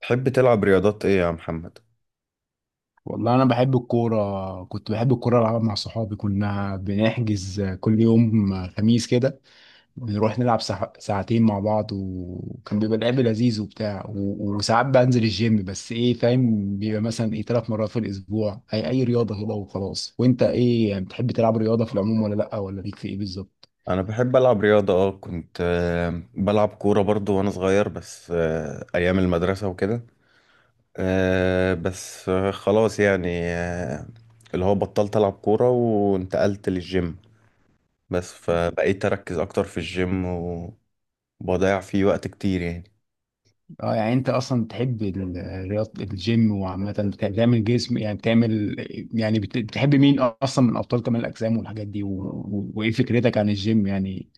تحب تلعب رياضات ايه يا محمد؟ والله انا بحب الكوره، كنت بحب الكوره العبها مع صحابي، كنا بنحجز كل يوم خميس كده. بنروح نلعب ساعتين مع بعض، وكان بيبقى لعب لذيذ وبتاع، وساعات بنزل الجيم، بس ايه، فاهم، بيبقى مثلا ايه 3 مرات في الاسبوع، اي رياضه كده وخلاص. وانت ايه يعني، بتحب تلعب رياضه في العموم ولا لا، ولا ليك في ايه بالظبط؟ انا بحب العب رياضة كنت بلعب كورة برضو وانا صغير بس ايام المدرسة وكده. آه، بس آه، خلاص يعني آه، اللي هو بطلت العب كورة وانتقلت للجيم. بس فبقيت اركز اكتر في الجيم وبضيع فيه وقت كتير يعني. اه، يعني انت اصلا بتحب الرياض، الجيم وعامه، بتعمل جسم، يعني بتعمل، يعني بتحب مين اصلا من ابطال كمال الاجسام والحاجات دي وايه فكرتك عن الجيم يعني،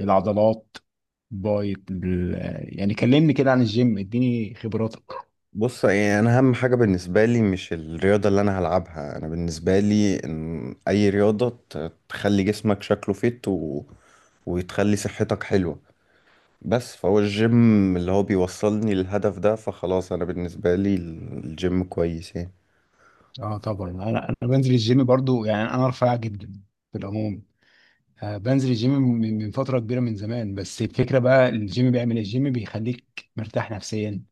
العضلات، بايت ال... يعني كلمني كده عن الجيم، اديني خبراتك. بص، يعني انا اهم حاجه بالنسبه لي مش الرياضه اللي انا هلعبها، انا بالنسبه لي ان اي رياضه تخلي جسمك شكله فيت وتخلي صحتك حلوه. بس فهو الجيم اللي هو بيوصلني للهدف ده، فخلاص انا بالنسبه لي الجيم كويس يعني. اه طبعا، انا بنزل الجيم برضو، يعني انا رفيع جدا في العموم. آه بنزل الجيم من فتره كبيره، من زمان. بس الفكره بقى، الجيم بيعمل إيه؟ الجيم بيخليك مرتاح نفسيا،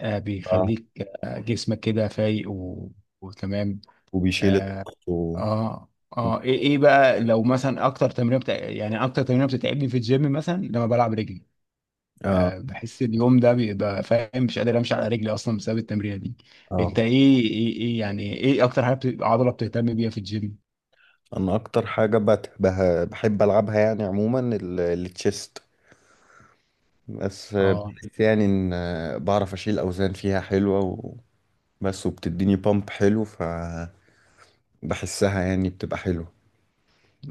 اه، بيخليك جسمك كده فايق و... وتمام. وبيشيل اه الضغط و... اه، ايه ايه بقى لو مثلا اكتر تمرين يعني اكتر تمرين بتتعبني في الجيم مثلا لما بلعب رجلي، اه آه بحس اليوم ده بيبقى، فاهم، مش قادر امشي على رجلي اصلا بسبب التمرينه دي. اه انت ايه ايه ايه يعني، ايه اكتر حاجه عضله بتهتم بيها في الجيم؟ انا اكتر حاجه بحب العبها يعني عموما التشيست. بس اه بحس يعني ان بعرف اشيل اوزان فيها حلوه. بس وبتديني بامب حلو فبحسها، يعني بتبقى حلو.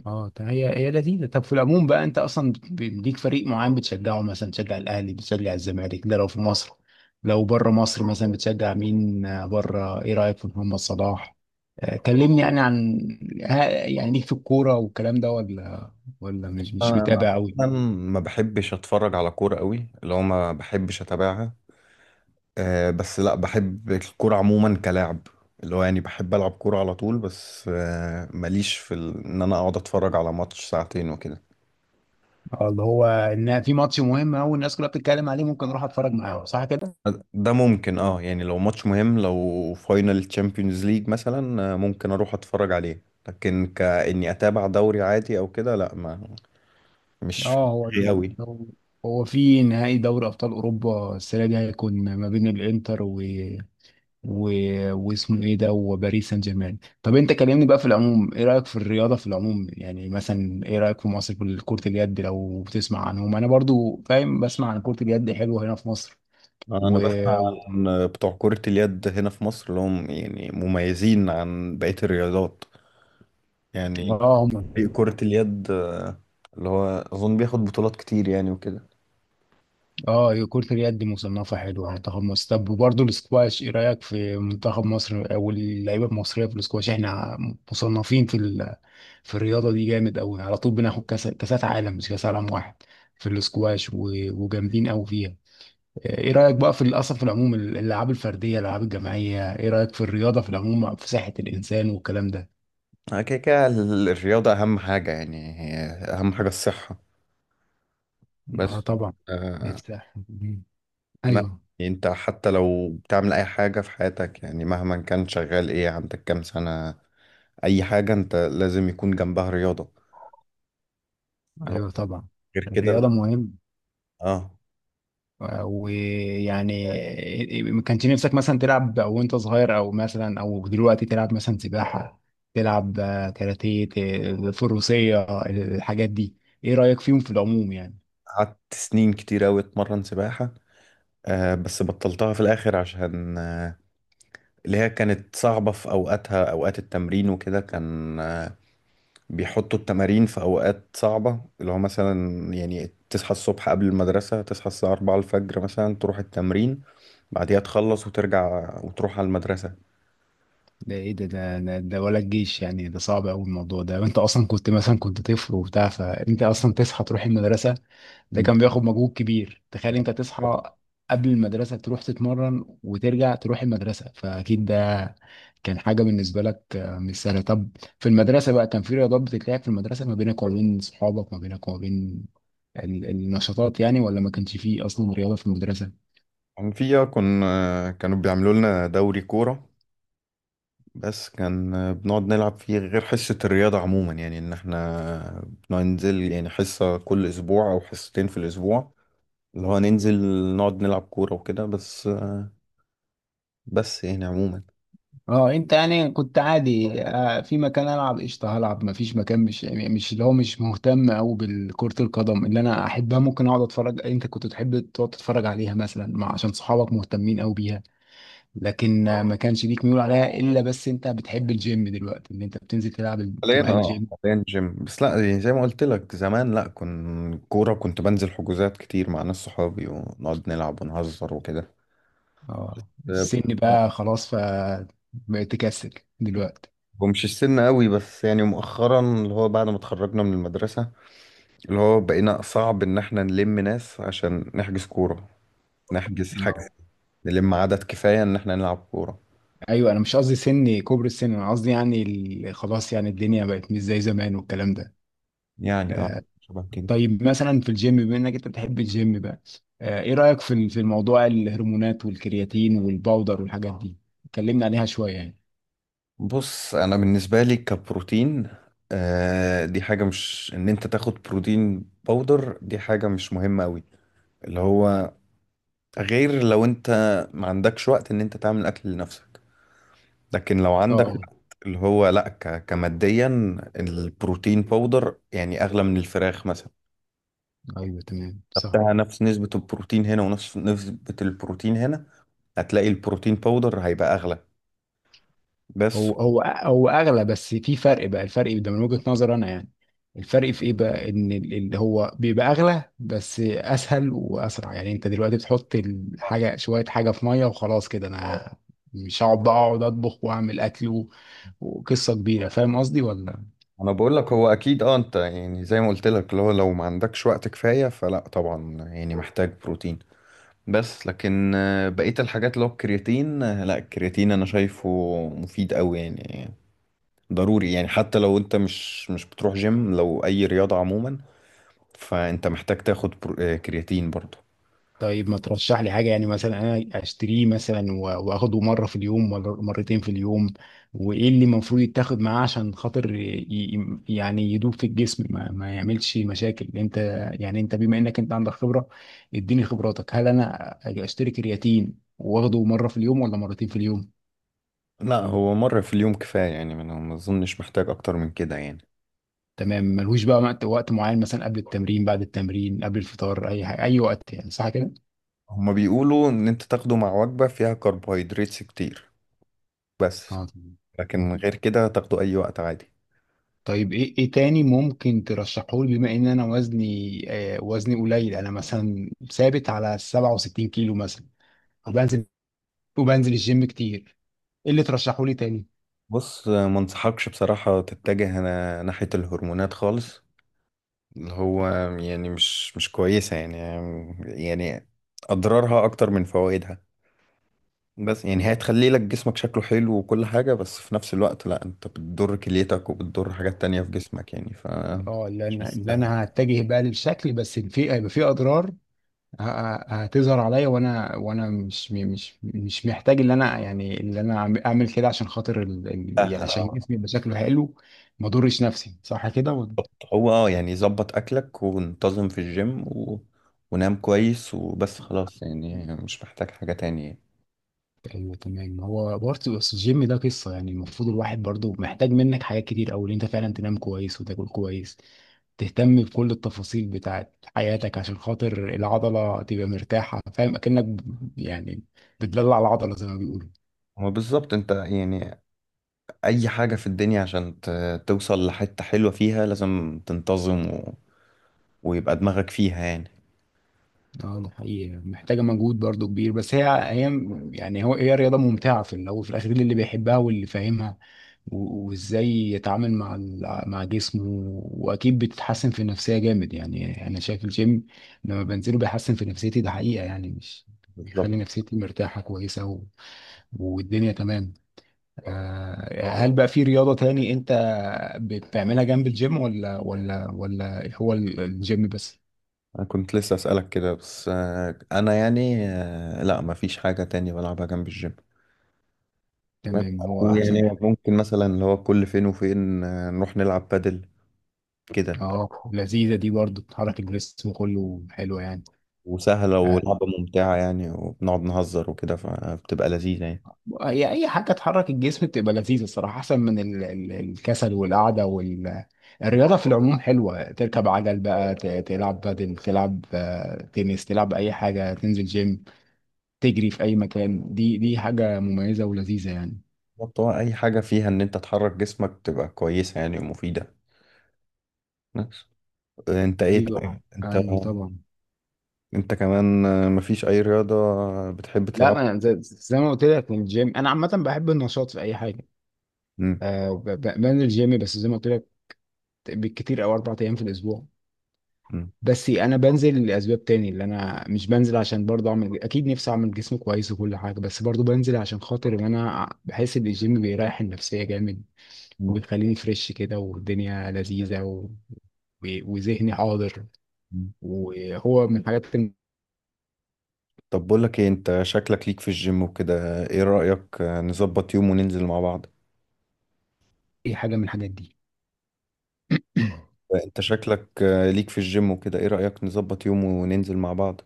اه، طيب، هي لذيذه. طب في العموم بقى، انت اصلا ليك فريق معين بتشجعه؟ مثلا بتشجع الاهلي، بتشجع الزمالك، ده لو في مصر. لو بره مصر مثلا بتشجع مين؟ بره، ايه رايك في محمد صلاح؟ كلمني يعني عن يعني ليك في الكوره والكلام ده ولا، ولا مش انا متابع قوي؟ أنا ما بحبش اتفرج على كورة قوي، اللي هو ما بحبش اتابعها. أه، بس لا بحب الكورة عموما كلاعب، اللي هو يعني بحب العب كورة على طول. بس أه ماليش في ان انا اقعد اتفرج على ماتش ساعتين وكده. اه، اللي هو ان في ماتش مهم قوي الناس كلها بتتكلم عليه ممكن اروح اتفرج معاهم، صح كده؟ ده ممكن، اه يعني لو ماتش مهم، لو فاينل تشامبيونز ليج مثلا، ممكن اروح اتفرج عليه. لكن كاني اتابع دوري عادي او كده لا، ما مش في اه، دماغي قوي. هو هو في نهائي دوري ابطال اوروبا السنه دي، هيكون ما بين الانتر و... واسمه ايه ده، وباريس سان جيرمان. طب انت كلمني بقى في العموم، ايه رايك في الرياضه في العموم؟ يعني مثلا ايه رايك في مصر في كره اليد؟ لو بتسمع عنهم، انا برضو فاهم، بسمع عن كره اليد حلوه هنا في مصر انا و بسمع و- عن بتوع كرة اليد هنا في مصر، اللي هم يعني مميزين عن بقية الرياضات يعني. اه هم. فريق كرة اليد اللي هو اظن بياخد بطولات كتير يعني وكده. اه، كره اليد مصنفه حلوه، منتخب مصر. طب وبرضه الاسكواش، ايه رايك في منتخب مصر او اللعيبه المصريه في الاسكواش؟ احنا مصنفين في الرياضه دي جامد قوي، على طول بناخد كاس، كاسات عالم، مش كاس عالم واحد في الاسكواش و... وجامدين قوي فيها. ايه رأيك بقى في، اصلا في العموم، الالعاب الفردية، الالعاب الجماعية، ايه رأيك في الرياضة في العموم، في صحة الانسان والكلام ده؟ الرياضة اهم حاجة يعني، هي اهم حاجة الصحة اه بس. طبعا. آه نفتح. لا، ايوه. يعني انت حتى لو بتعمل اي حاجة في حياتك، يعني مهما كان شغال ايه، عندك كام سنة، اي حاجة، انت لازم يكون جنبها رياضة. لو- ايوه طبعا. غير كده انت- الرياضة مهم. اه ويعني ما كانش نفسك مثلا تلعب او وانت صغير، او مثلا او دلوقتي تلعب مثلا سباحة، تلعب كاراتيه، فروسية، الحاجات دي، ايه رأيك فيهم في العموم يعني؟ قعدت سنين كتير أوي أتمرن سباحة. بس بطلتها في الآخر عشان اللي هي كانت صعبة في أوقاتها، أوقات التمرين وكده كان، بيحطوا التمارين في أوقات صعبة، اللي هو مثلا يعني تصحى الصبح قبل المدرسة، تصحى الساعة 4 الفجر مثلا تروح التمرين، بعديها تخلص وترجع وتروح على المدرسة. ده ايه ده ده ولا الجيش؟ يعني ده صعب قوي الموضوع ده. انت اصلا كنت مثلا، كنت طفل وبتاع، فانت اصلا تصحى تروح المدرسه، ده مم. كان بياخد مجهود كبير. تخيل انت تصحى قبل المدرسه تروح تتمرن وترجع تروح المدرسه، فاكيد ده كان حاجه بالنسبه لك مش سهله. طب في المدرسه بقى، كان في رياضات بتتلعب في المدرسه ما بينك وما بين صحابك، ما بينك وما بين النشاطات يعني، ولا ما كانش فيه اصلا رياضه في المدرسه؟ كان فيها، كنا كانوا بيعملوا لنا دوري كورة. بس كان، بنقعد نلعب فيه غير حصة الرياضة عموما، يعني إن إحنا بننزل يعني حصة كل أسبوع أو حصتين في الأسبوع، اللي هو ننزل نقعد نلعب كورة وكده. بس آه، بس يعني عموما اه، انت يعني كنت عادي، في مكان العب قشطه هلعب، ما فيش مكان مش، يعني مش اللي هو مش مهتم قوي بالكرة القدم، اللي انا احبها ممكن اقعد اتفرج، انت كنت تحب تقعد تتفرج عليها مثلا مع، عشان صحابك مهتمين قوي بيها، لكن ما كانش ليك ميول عليها الا، بس انت بتحب الجيم دلوقتي، ان انت بتنزل تلعب حاليا تروح اه، الجيم. حاليا جيم بس. لا يعني زي ما قلت لك زمان، لا كن كورة كنت بنزل حجوزات كتير مع ناس صحابي ونقعد نلعب ونهزر وكده. اه السن آه، بقى خلاص، ف بقيت تكسل دلوقتي. ومش السن قوي، بس يعني مؤخرا اللي هو بعد ما اتخرجنا من المدرسة، اللي هو بقينا صعب ان احنا نلم ناس عشان نحجز كورة، نحجز حاجة، اه نلم عدد كفاية ان احنا نلعب كورة. ايوه، انا مش قصدي سن، كبر السن، انا قصدي يعني خلاص يعني الدنيا بقت مش زي زمان والكلام ده. يعني اه، آه، شبه كده. طيب مثلا في الجيم، بما انك انت بتحب الجيم بقى، ايه رأيك في في الموضوع الهرمونات والكرياتين والباودر والحاجات دي؟ اتكلمنا عليها شوية يعني. بص، انا بالنسبه لي كبروتين، دي حاجه، مش ان انت تاخد بروتين باودر دي حاجه مش مهمه قوي، اللي هو غير لو انت ما عندكش وقت ان انت تعمل اكل لنفسك. لكن لو اه عندك اه. وقت اللي هو، لا ك كماديا البروتين باودر يعني اغلى من الفراخ مثلا. ايوه تمام صح. خدتها نفس نسبه البروتين هنا ونفس نسبه البروتين هنا، هتلاقي البروتين باودر هيبقى اغلى. بس هو اغلى، بس في فرق بقى، الفرق ده من وجهة نظري انا يعني، الفرق في ايه بقى؟ ان اللي هو بيبقى اغلى بس اسهل واسرع، يعني انت دلوقتي بتحط الحاجه، شويه حاجه في ميه وخلاص كده، انا مش هقعد بقى اقعد اطبخ واعمل اكل وقصه كبيره، فاهم قصدي ولا؟ انا بقول لك هو اكيد اه، انت يعني زي ما قلت لك لو ما عندكش وقت كفايه فلا، طبعا يعني محتاج بروتين. بس لكن بقيه الحاجات اللي هو الكرياتين، لا الكرياتين انا شايفه مفيد قوي يعني، ضروري يعني. حتى لو انت مش بتروح جيم، لو اي رياضه عموما فانت محتاج تاخد كرياتين برضه. طيب ما ترشح لي حاجة، يعني مثلا أنا أشتريه مثلا وآخده مرة في اليوم ولا مرتين في اليوم؟ وإيه اللي المفروض يتاخد معاه عشان خاطر يعني يدوب في الجسم ما يعملش مشاكل. أنت يعني، أنت بما إنك أنت عندك خبرة، إديني خبراتك. هل أنا أجي أشتري كرياتين وآخده مرة في اليوم ولا مرتين في اليوم؟ لا، هو مره في اليوم كفايه يعني، ما اظنش محتاج اكتر من كده يعني. تمام. ملهوش بقى وقت، وقت معين، مثلا قبل التمرين، بعد التمرين، قبل الفطار، أي حاجة، أي وقت يعني، صح كده؟ هما بيقولوا ان انت تاخده مع وجبه فيها كربوهيدرات كتير. بس اه تمام. لكن غير كده تاخده أي وقت عادي. طيب ايه ايه تاني ممكن ترشحه لي؟ بما ان انا وزني، آه وزني قليل، انا مثلا ثابت على 67 كيلو مثلا، وبنزل، وبنزل الجيم كتير، ايه اللي ترشحه لي تاني؟ بص، ما انصحكش بصراحة تتجه أنا ناحية الهرمونات خالص، اللي هو يعني مش كويسة يعني. يعني أضرارها أكتر من فوائدها. بس يعني هي هتخلي لك جسمك شكله حلو وكل حاجة، بس في نفس الوقت لا، أنت بتضر كليتك وبتضر حاجات تانية في جسمك يعني، ف اه، اللي مش انا، اللي مستاهل. انا هتجه بقى للشكل، بس في هيبقى في اضرار ه- هتظهر عليا، وانا وانا مش محتاج ان انا يعني، اللي انا اعمل كده عشان خاطر ال... ال... يعني سهل عشان اه. جسمي يبقى شكله حلو. ما اضرش نفسي صح كده. بالظبط. هو اه يعني ظبط أكلك وانتظم في الجيم ونام كويس وبس خلاص، يعني مش محتاج حاجة تانية. ايوه تمام. هو برضه بس الجيم ده قصه، يعني المفروض الواحد برضه محتاج منك حاجات كتير قوي، ان انت فعلا تنام كويس وتاكل كويس، تهتم بكل التفاصيل بتاعت حياتك، عشان خاطر العضله تبقى مرتاحه، فاهم، اكنك يعني بتدلع العضله زي ما بيقولوا. هو بالظبط انت يعني اي حاجة في الدنيا عشان توصل لحتة حلوة فيها لازم تنتظم ويبقى دماغك فيها يعني. اه ده حقيقي، محتاجه مجهود برضه كبير. بس هي يعني، هو هي رياضه ممتعه في الاول وفي الاخر اللي بيحبها واللي فاهمها وازاي يتعامل مع مع جسمه. واكيد بتتحسن في النفسيه جامد يعني، انا شايف الجيم لما بنزله بيحسن في نفسيتي، ده حقيقه يعني، مش، بيخلي بالظبط. نفسيتي مرتاحه كويسه و... والدنيا تمام. هل بقى في رياضه تاني انت بتعملها جنب الجيم، ولا ولا هو الجيم بس؟ انا كنت لسه اسألك كده، بس آه، انا يعني آه، لا مفيش حاجة تانية بلعبها جنب الجيم. بس- تمام هو احسن. ويعني ممكن مثلا اللي هو كل فين وفين، نروح نلعب بادل كده. اه لذيذه دي برضه، بتحرك الجسم كله، حلوه يعني. وسهلة، آه، ولعبة ممتعة يعني، وبنقعد نهزر وكده فبتبقى لذيذة يعني. هي اي حاجه تحرك الجسم بتبقى لذيذه الصراحه، احسن من الكسل والقعده وال، الرياضه في العموم حلوه، تركب عجل بقى، تلعب بدل، تلعب تنس، تلعب اي حاجه، تنزل جيم، تجري في اي مكان، دي حاجه مميزه ولذيذه يعني. بالظبط، هو اي حاجة فيها ان انت تحرك جسمك تبقى كويسة يعني ومفيدة. انت ايه ايوه طيب انت ايوه طبعا. انت كمان مفيش اي رياضة بتحب لا ما تلعبها؟ أنا زي ما قلت لك من الجيم، انا عامه بحب النشاط في اي حاجه. مم. أه بنزل جيم بس زي ما قلت لك، بالكتير او 4 ايام في الاسبوع. مم. بس انا بنزل لاسباب تاني، اللي انا مش بنزل عشان برضه اعمل، اكيد نفسي اعمل جسم كويس وكل حاجه، بس برضه بنزل عشان خاطر ان انا بحس ان الجيم بيريح النفسيه جامد، مم. وبيخليني فريش كده، والدنيا لذيذه و... و... وذهني حاضر، وهو من الحاجات، طب بقول لك ايه، انت شكلك ليك في الجيم وكده ايه رأيك آه، نظبط يوم وننزل مع بعض اي حاجه من الحاجات دي. انت شكلك ليك في الجيم وكده، ايه رأيك نظبط يوم وننزل مع بعض؟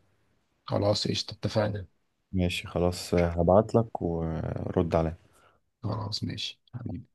خلاص قشطه اتفقنا. ماشي خلاص، هبعت لك ورد عليا. خلاص ماشي حبيبي.